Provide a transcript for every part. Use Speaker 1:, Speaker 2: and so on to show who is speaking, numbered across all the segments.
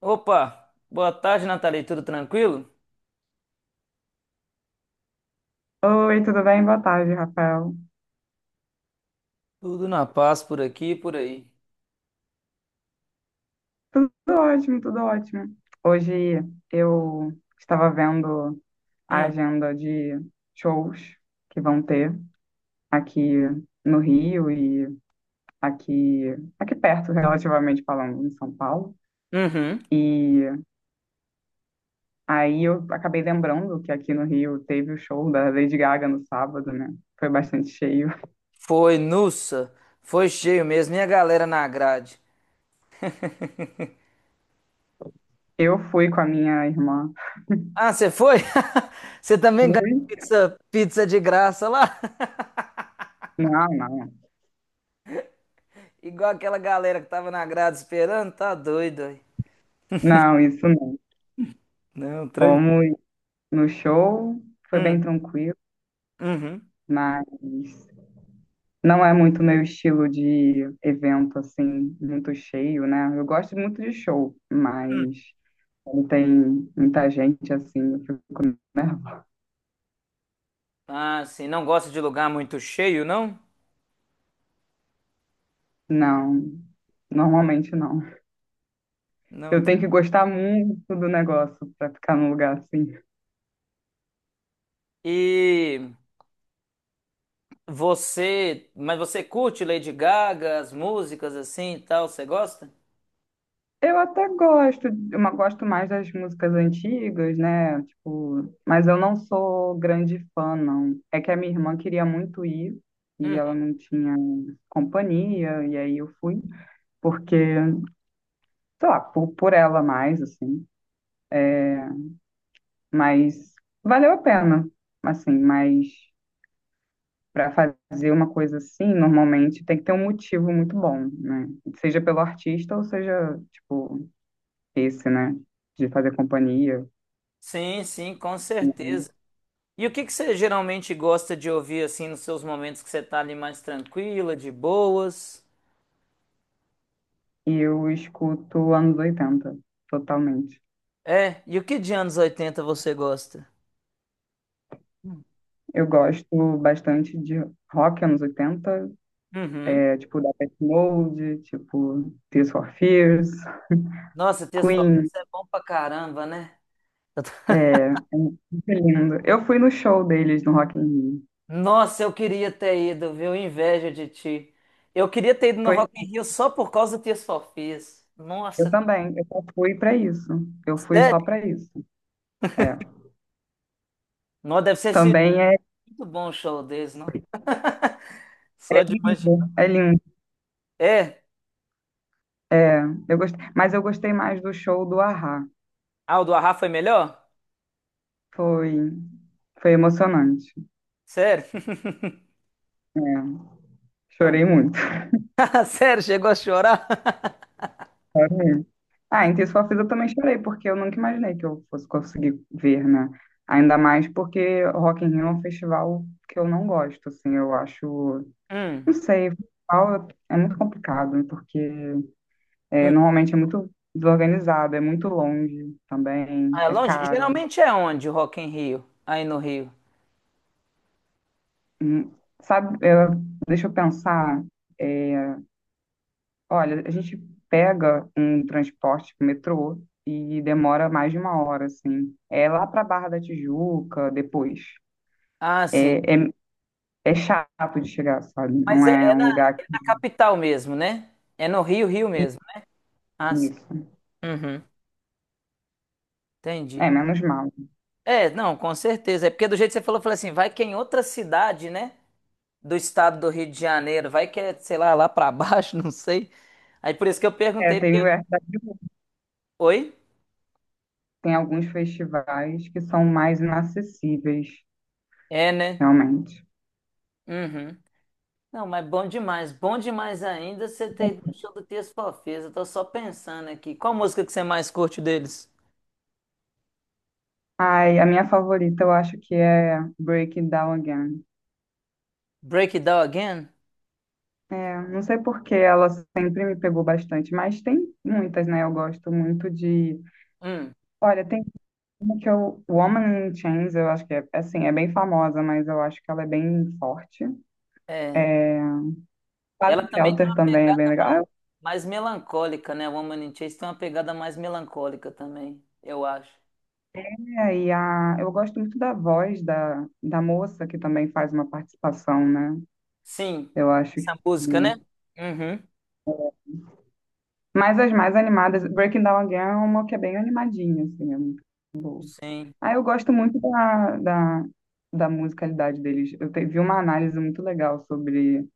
Speaker 1: Opa, boa tarde, Nathalie. Tudo tranquilo?
Speaker 2: Oi, tudo bem? Boa tarde, Rafael.
Speaker 1: Tudo na paz por aqui e por aí.
Speaker 2: Tudo ótimo, tudo ótimo. Hoje eu estava vendo a
Speaker 1: Hum.
Speaker 2: agenda de shows que vão ter aqui no Rio e aqui, aqui perto, relativamente falando, em São Paulo.
Speaker 1: Uhum.
Speaker 2: E aí eu acabei lembrando que aqui no Rio teve o show da Lady Gaga no sábado, né? Foi bastante cheio.
Speaker 1: Foi, nussa. Foi cheio mesmo. E a galera na grade?
Speaker 2: Eu fui com a minha irmã.
Speaker 1: Ah, você foi? Você também ganhou
Speaker 2: Fui?
Speaker 1: pizza de graça lá?
Speaker 2: Não, não.
Speaker 1: Igual aquela galera que tava na grade esperando? Tá doido aí.
Speaker 2: Não, isso não.
Speaker 1: Não, tranquilo.
Speaker 2: Fomos no show, foi bem
Speaker 1: Hum.
Speaker 2: tranquilo,
Speaker 1: Uhum.
Speaker 2: mas não é muito meu estilo de evento, assim, muito cheio, né? Eu gosto muito de show,
Speaker 1: Hum.
Speaker 2: mas quando tem muita gente, assim, eu fico nervosa.
Speaker 1: Ah, sim. Não gosta de lugar muito cheio, não?
Speaker 2: Não, normalmente não.
Speaker 1: Não.
Speaker 2: Eu tenho que gostar muito do negócio para ficar num lugar assim.
Speaker 1: E. Mas você curte Lady Gaga, as músicas assim e tal, você gosta?
Speaker 2: Eu até gosto, eu gosto mais das músicas antigas, né? Tipo, mas eu não sou grande fã, não. É que a minha irmã queria muito ir e ela
Speaker 1: Uhum.
Speaker 2: não tinha companhia, e aí eu fui, porque, sei lá, por ela mais, assim. É, mas valeu a pena, assim, mas para fazer uma coisa assim, normalmente tem que ter um motivo muito bom, né? Seja pelo artista ou seja, tipo, esse, né? De fazer companhia.
Speaker 1: Sim, sim, com
Speaker 2: Uhum.
Speaker 1: certeza. E o que que você geralmente gosta de ouvir assim nos seus momentos que você tá ali mais tranquila, de boas?
Speaker 2: E eu escuto anos 80, totalmente.
Speaker 1: É, e o que de anos 80 você gosta?
Speaker 2: Eu gosto bastante de rock anos 80,
Speaker 1: Uhum.
Speaker 2: é, tipo Depeche Mode, tipo Tears for Fears,
Speaker 1: Nossa, Tears for
Speaker 2: Queen,
Speaker 1: Fears é bom pra caramba, né? Eu tô-
Speaker 2: é, é muito lindo. Eu fui no show deles no Rock in Rio.
Speaker 1: Nossa, eu queria ter ido, viu? Inveja de ti. Eu queria ter ido no
Speaker 2: Foi,
Speaker 1: Rock in Rio só por causa do Tears for Fears.
Speaker 2: eu
Speaker 1: Nossa,
Speaker 2: também, eu só fui pra isso. Eu fui só
Speaker 1: sério?
Speaker 2: pra isso. É.
Speaker 1: Não, deve ser
Speaker 2: Também é
Speaker 1: muito bom o show deles, não? Só de
Speaker 2: lindo,
Speaker 1: imaginar.
Speaker 2: é lindo.
Speaker 1: É?
Speaker 2: É, eu gostei, mas eu gostei mais do show do Ahá.
Speaker 1: Ah, o do Arrá foi melhor?
Speaker 2: Foi, foi emocionante.
Speaker 1: Sério?
Speaker 2: É,
Speaker 1: Não.
Speaker 2: chorei muito.
Speaker 1: Sério, chegou a chorar?
Speaker 2: Ah, em Ter Sua Vida eu também chorei, porque eu nunca imaginei que eu fosse conseguir ver, né? Ainda mais porque o Rock in Rio é um festival que eu não gosto, assim, eu acho... Não
Speaker 1: Hum,
Speaker 2: sei, festival é muito complicado, porque é,
Speaker 1: hum.
Speaker 2: normalmente é muito desorganizado, é muito longe também,
Speaker 1: Ah, é
Speaker 2: é
Speaker 1: longe?
Speaker 2: caro.
Speaker 1: Geralmente é onde o Rock em Rio? Aí no Rio.
Speaker 2: Hum, Sabe, deixa eu pensar, é, olha, a gente pega um transporte, tipo, metrô, e demora mais de uma hora, assim. É lá para Barra da Tijuca, depois.
Speaker 1: Ah, sim.
Speaker 2: É, é, é chato de chegar, sabe?
Speaker 1: Mas
Speaker 2: Não
Speaker 1: é,
Speaker 2: é
Speaker 1: é
Speaker 2: um
Speaker 1: na,
Speaker 2: lugar
Speaker 1: é na capital mesmo, né? É no Rio, Rio
Speaker 2: que
Speaker 1: mesmo, né? Ah, sim.
Speaker 2: isso.
Speaker 1: Uhum.
Speaker 2: É,
Speaker 1: Entendi.
Speaker 2: menos mal.
Speaker 1: É, não, com certeza. É porque do jeito que você falou, eu falei assim, vai que é em outra cidade, né? Do estado do Rio de Janeiro. Vai que é, sei lá, lá pra baixo, não sei. Aí por isso que eu
Speaker 2: É,
Speaker 1: perguntei,
Speaker 2: tem,
Speaker 1: porque.
Speaker 2: é,
Speaker 1: Oi?
Speaker 2: tem alguns festivais que são mais inacessíveis,
Speaker 1: É, né?
Speaker 2: realmente.
Speaker 1: Uhum. Não, mas bom demais. Bom demais ainda você ter ido no show do Tears for Fears. Eu tô só pensando aqui. Qual música que você mais curte deles?
Speaker 2: Ai, a minha favorita eu acho que é Break It Down Again.
Speaker 1: Break It Down Again?
Speaker 2: É, não sei porque ela sempre me pegou bastante, mas tem muitas, né? Eu gosto muito de.
Speaker 1: Hum,
Speaker 2: Olha, tem uma que eu. Woman in Chains, eu acho que é assim, é bem famosa, mas eu acho que ela é bem forte.
Speaker 1: é.
Speaker 2: É...
Speaker 1: Ela também tem
Speaker 2: Shelter
Speaker 1: uma
Speaker 2: também é
Speaker 1: pegada
Speaker 2: bem legal. Ah,
Speaker 1: mais melancólica, né? Woman in Chains tem uma pegada mais melancólica também, eu acho.
Speaker 2: é, eu gosto muito da voz da moça, que também faz uma participação, né?
Speaker 1: Sim,
Speaker 2: Eu acho que.
Speaker 1: essa música, né? Uhum.
Speaker 2: Mas as mais animadas, Breaking Down Again é uma que é bem animadinha, assim.
Speaker 1: Sim,
Speaker 2: Ah, eu gosto muito da musicalidade deles. Vi uma análise muito legal sobre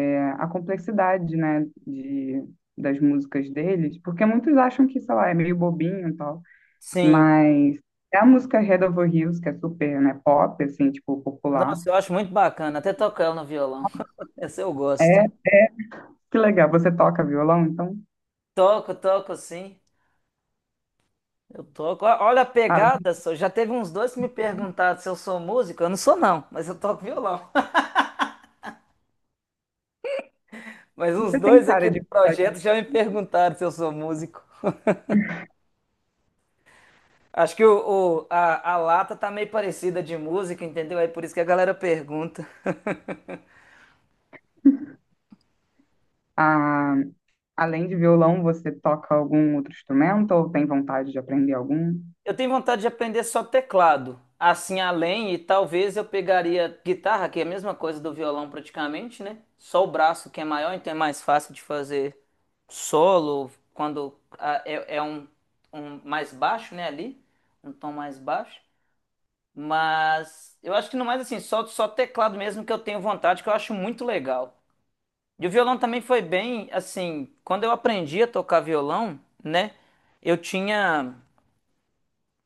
Speaker 2: é, a complexidade, né, de, das músicas deles, porque muitos acham que, sei lá, é meio bobinho e tal,
Speaker 1: sim.
Speaker 2: mas. É a música Head Over Heels, que é super, né, pop, assim, tipo, popular.
Speaker 1: Nossa, eu acho muito bacana. Até toco ela no violão. Essa eu gosto.
Speaker 2: Que legal, você toca violão, então?
Speaker 1: Toco, toco, sim. Eu toco. Olha a
Speaker 2: Ah,
Speaker 1: pegada só. Já teve uns dois que me perguntaram se eu sou músico. Eu não sou, não, mas eu toco violão. Mas uns
Speaker 2: você tem
Speaker 1: dois aqui
Speaker 2: cara
Speaker 1: do
Speaker 2: de.
Speaker 1: projeto já me perguntaram se eu sou músico. Acho que a lata tá meio parecida de música, entendeu? É por isso que a galera pergunta.
Speaker 2: Ah, além de violão, você toca algum outro instrumento ou tem vontade de aprender algum?
Speaker 1: Eu tenho vontade de aprender só teclado. Assim, além, e talvez eu pegaria guitarra, que é a mesma coisa do violão praticamente, né? Só o braço que é maior, então é mais fácil de fazer solo, quando é um mais baixo, né? Ali, um tom mais baixo. Mas eu acho que no mais, assim, só teclado mesmo que eu tenho vontade, que eu acho muito legal. E o violão também foi bem, assim, quando eu aprendi a tocar violão, né? Eu tinha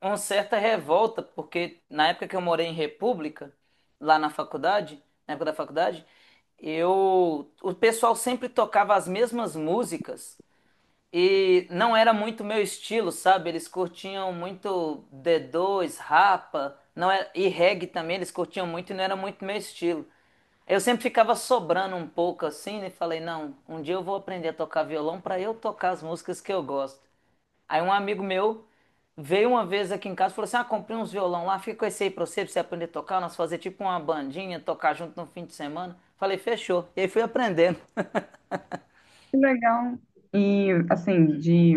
Speaker 1: uma certa revolta, porque na época que eu morei em República, lá na faculdade, na época da faculdade, o pessoal sempre tocava as mesmas músicas e não era muito meu estilo, sabe? Eles curtiam muito D2, Rapa, não era, e reggae também, eles curtiam muito e não era muito meu estilo. Eu sempre ficava sobrando um pouco assim e falei, não, um dia eu vou aprender a tocar violão para eu tocar as músicas que eu gosto. Aí um amigo meu veio uma vez aqui em casa e falou assim: Ah, comprei uns violão lá, fica com esse aí pra você, aprender a tocar. Nós fazer tipo uma bandinha, tocar junto no fim de semana. Falei, fechou. E aí fui aprendendo.
Speaker 2: Que legal. E, assim,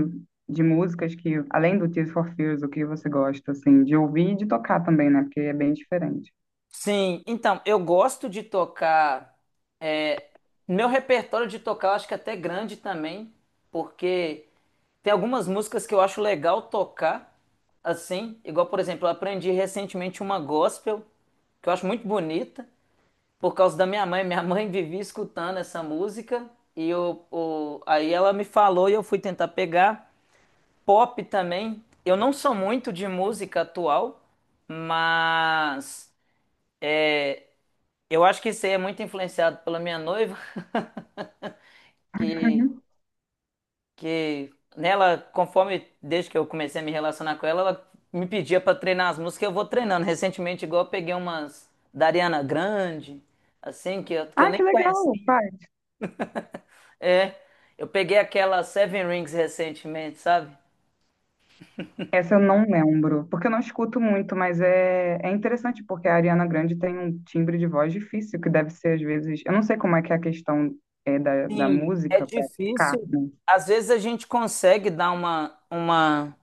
Speaker 2: de músicas que, além do Tears for Fears, o que você gosta, assim, de ouvir e de tocar também, né? Porque é bem diferente.
Speaker 1: Sim, então, eu gosto de tocar. é, Meu repertório de tocar eu acho que é até grande também, porque tem algumas músicas que eu acho legal tocar, assim, igual, por exemplo, eu aprendi recentemente uma gospel, que eu acho muito bonita, por causa da minha mãe. Minha mãe vivia escutando essa música e aí ela me falou e eu fui tentar pegar. Pop também. Eu não sou muito de música atual, mas é, eu acho que isso aí é muito influenciado pela minha noiva, que,
Speaker 2: Uhum.
Speaker 1: que nela, conforme desde que eu comecei a me relacionar com ela, ela me pedia para treinar as músicas, eu vou treinando. Recentemente, igual eu peguei umas da Ariana Grande, assim, que eu
Speaker 2: Ah,
Speaker 1: nem
Speaker 2: que legal,
Speaker 1: conhecia.
Speaker 2: pai.
Speaker 1: É, eu peguei aquela Seven Rings recentemente, sabe?
Speaker 2: Essa eu não lembro, porque eu não escuto muito, mas é, é interessante porque a Ariana Grande tem um timbre de voz difícil, que deve ser às vezes. Eu não sei como é que é a questão é, da
Speaker 1: Sim, é
Speaker 2: música para ficar,
Speaker 1: difícil.
Speaker 2: né?
Speaker 1: Às vezes a gente consegue dar uma, uma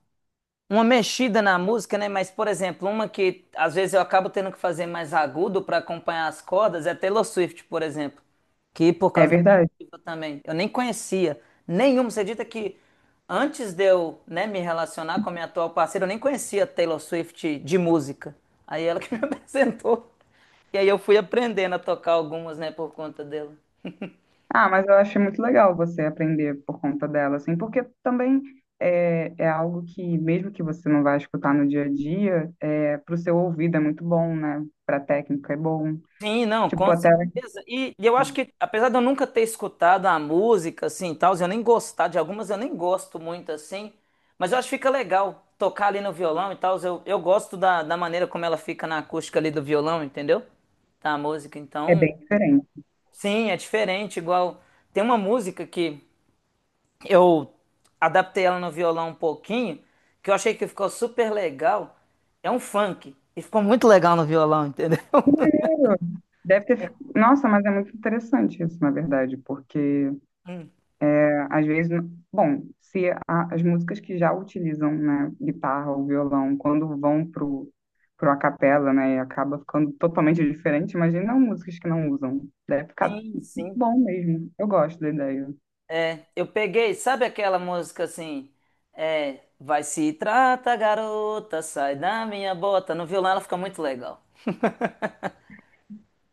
Speaker 1: uma mexida na música, né? Mas, por exemplo, uma que às vezes eu acabo tendo que fazer mais agudo para acompanhar as cordas é Taylor Swift, por exemplo. Que por
Speaker 2: É
Speaker 1: causa da minha
Speaker 2: verdade.
Speaker 1: noiva também. Eu nem conhecia nenhuma. Você acredita que antes de eu, né, me relacionar com a minha atual parceira, eu nem conhecia Taylor Swift de música. Aí ela que me apresentou. E aí eu fui aprendendo a tocar algumas, né, por conta dela.
Speaker 2: Ah, mas eu achei muito legal você aprender por conta dela, assim, porque também é, é algo que, mesmo que você não vá escutar no dia a dia, é, para o seu ouvido é muito bom, né? Para técnica é bom.
Speaker 1: Sim, não, com
Speaker 2: Tipo, até
Speaker 1: certeza. E eu acho que, apesar de eu nunca ter escutado a música, assim, e tal, eu nem gostar de algumas, eu nem gosto muito, assim, mas eu acho que fica legal tocar ali no violão e tal, eu gosto da maneira como ela fica na acústica ali do violão, entendeu? Da música,
Speaker 2: é
Speaker 1: então,
Speaker 2: bem diferente.
Speaker 1: sim, é diferente, igual, tem uma música que eu adaptei ela no violão um pouquinho, que eu achei que ficou super legal, é um funk, e ficou muito legal no violão, entendeu?
Speaker 2: Deve ter. Nossa, mas é muito interessante isso, na verdade, porque às vezes, bom, se a- as músicas que já utilizam, né, guitarra ou violão, quando vão pro, pro a capela, né, e acaba ficando totalmente diferente, imagina músicas que não usam. Deve ficar
Speaker 1: Sim, sim.
Speaker 2: bom mesmo. Eu gosto da ideia.
Speaker 1: Eu peguei, sabe aquela música assim? É, vai se trata, garota, sai da minha bota. No violão ela fica muito legal.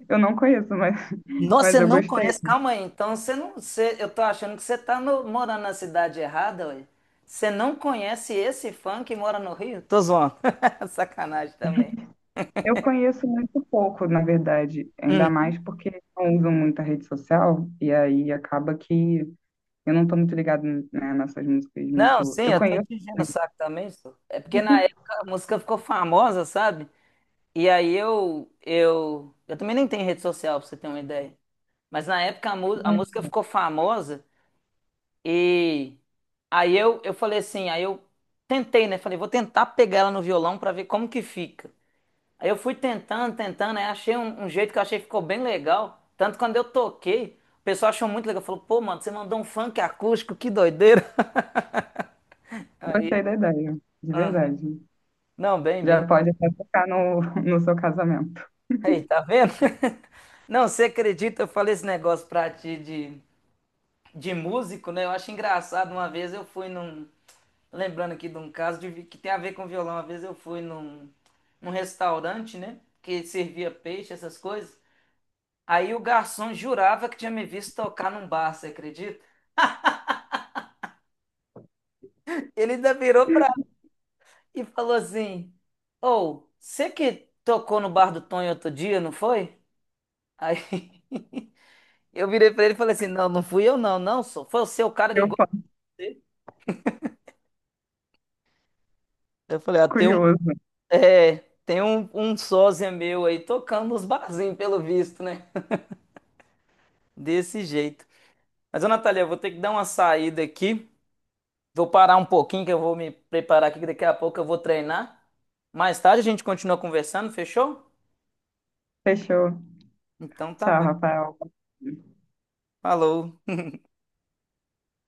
Speaker 2: Eu não conheço, mas,
Speaker 1: Nossa, você
Speaker 2: mas eu
Speaker 1: não
Speaker 2: gostei.
Speaker 1: conhece? Calma aí, então você não. Eu tô achando que você tá morando na cidade errada, ué. Você não conhece esse funk que mora no Rio? Tô zoando. Sacanagem também.
Speaker 2: Eu conheço muito pouco, na verdade, ainda
Speaker 1: Hum.
Speaker 2: mais porque não usam muita rede social, e aí acaba que eu não tô muito ligado, né, nessas músicas
Speaker 1: Não,
Speaker 2: muito.
Speaker 1: sim,
Speaker 2: Eu
Speaker 1: eu tô
Speaker 2: conheço,
Speaker 1: te enchendo o
Speaker 2: né,
Speaker 1: saco também, só. É porque na época a música ficou famosa, sabe? E aí eu também nem tenho rede social, pra você ter uma ideia. Mas na época a música ficou famosa e aí eu falei assim, aí eu tentei, né? Falei, vou tentar pegar ela no violão pra ver como que fica. Aí eu fui tentando, tentando, aí achei um jeito que eu achei que ficou bem legal. Tanto que quando eu toquei, o pessoal achou muito legal. Falou, pô, mano, você mandou um funk acústico, que doideira. Aí,
Speaker 2: gostei da ideia, de
Speaker 1: aham.
Speaker 2: verdade.
Speaker 1: Não, bem, bem.
Speaker 2: Já pode até tocar no, no seu casamento.
Speaker 1: Aí, tá vendo? Não, você acredita? Eu falei esse negócio pra ti de músico, né? Eu acho engraçado. Uma vez eu fui num, Lembrando aqui de um caso que tem a ver com violão. Uma vez eu fui num, restaurante, né? Que servia peixe, essas coisas. Aí o garçom jurava que tinha me visto tocar num bar, você acredita? Ele ainda virou pra e falou assim: Ô, você que tocou no bar do Tonho outro dia, não foi? Aí eu virei pra ele e falei assim: Não, não fui eu, não, não, só foi o seu cara era
Speaker 2: Eu
Speaker 1: igual
Speaker 2: fico
Speaker 1: a você. Eu falei: Ah,
Speaker 2: curioso.
Speaker 1: é, tem um sósia meu aí tocando nos barzinhos, pelo visto, né? Desse jeito. Mas, ô Natália, eu vou ter que dar uma saída aqui. Vou parar um pouquinho que eu vou me preparar aqui, que daqui a pouco eu vou treinar. Mais tarde a gente continua conversando, fechou?
Speaker 2: Fechou.
Speaker 1: Então tá
Speaker 2: Tchau,
Speaker 1: bom.
Speaker 2: Rafael.
Speaker 1: Falou.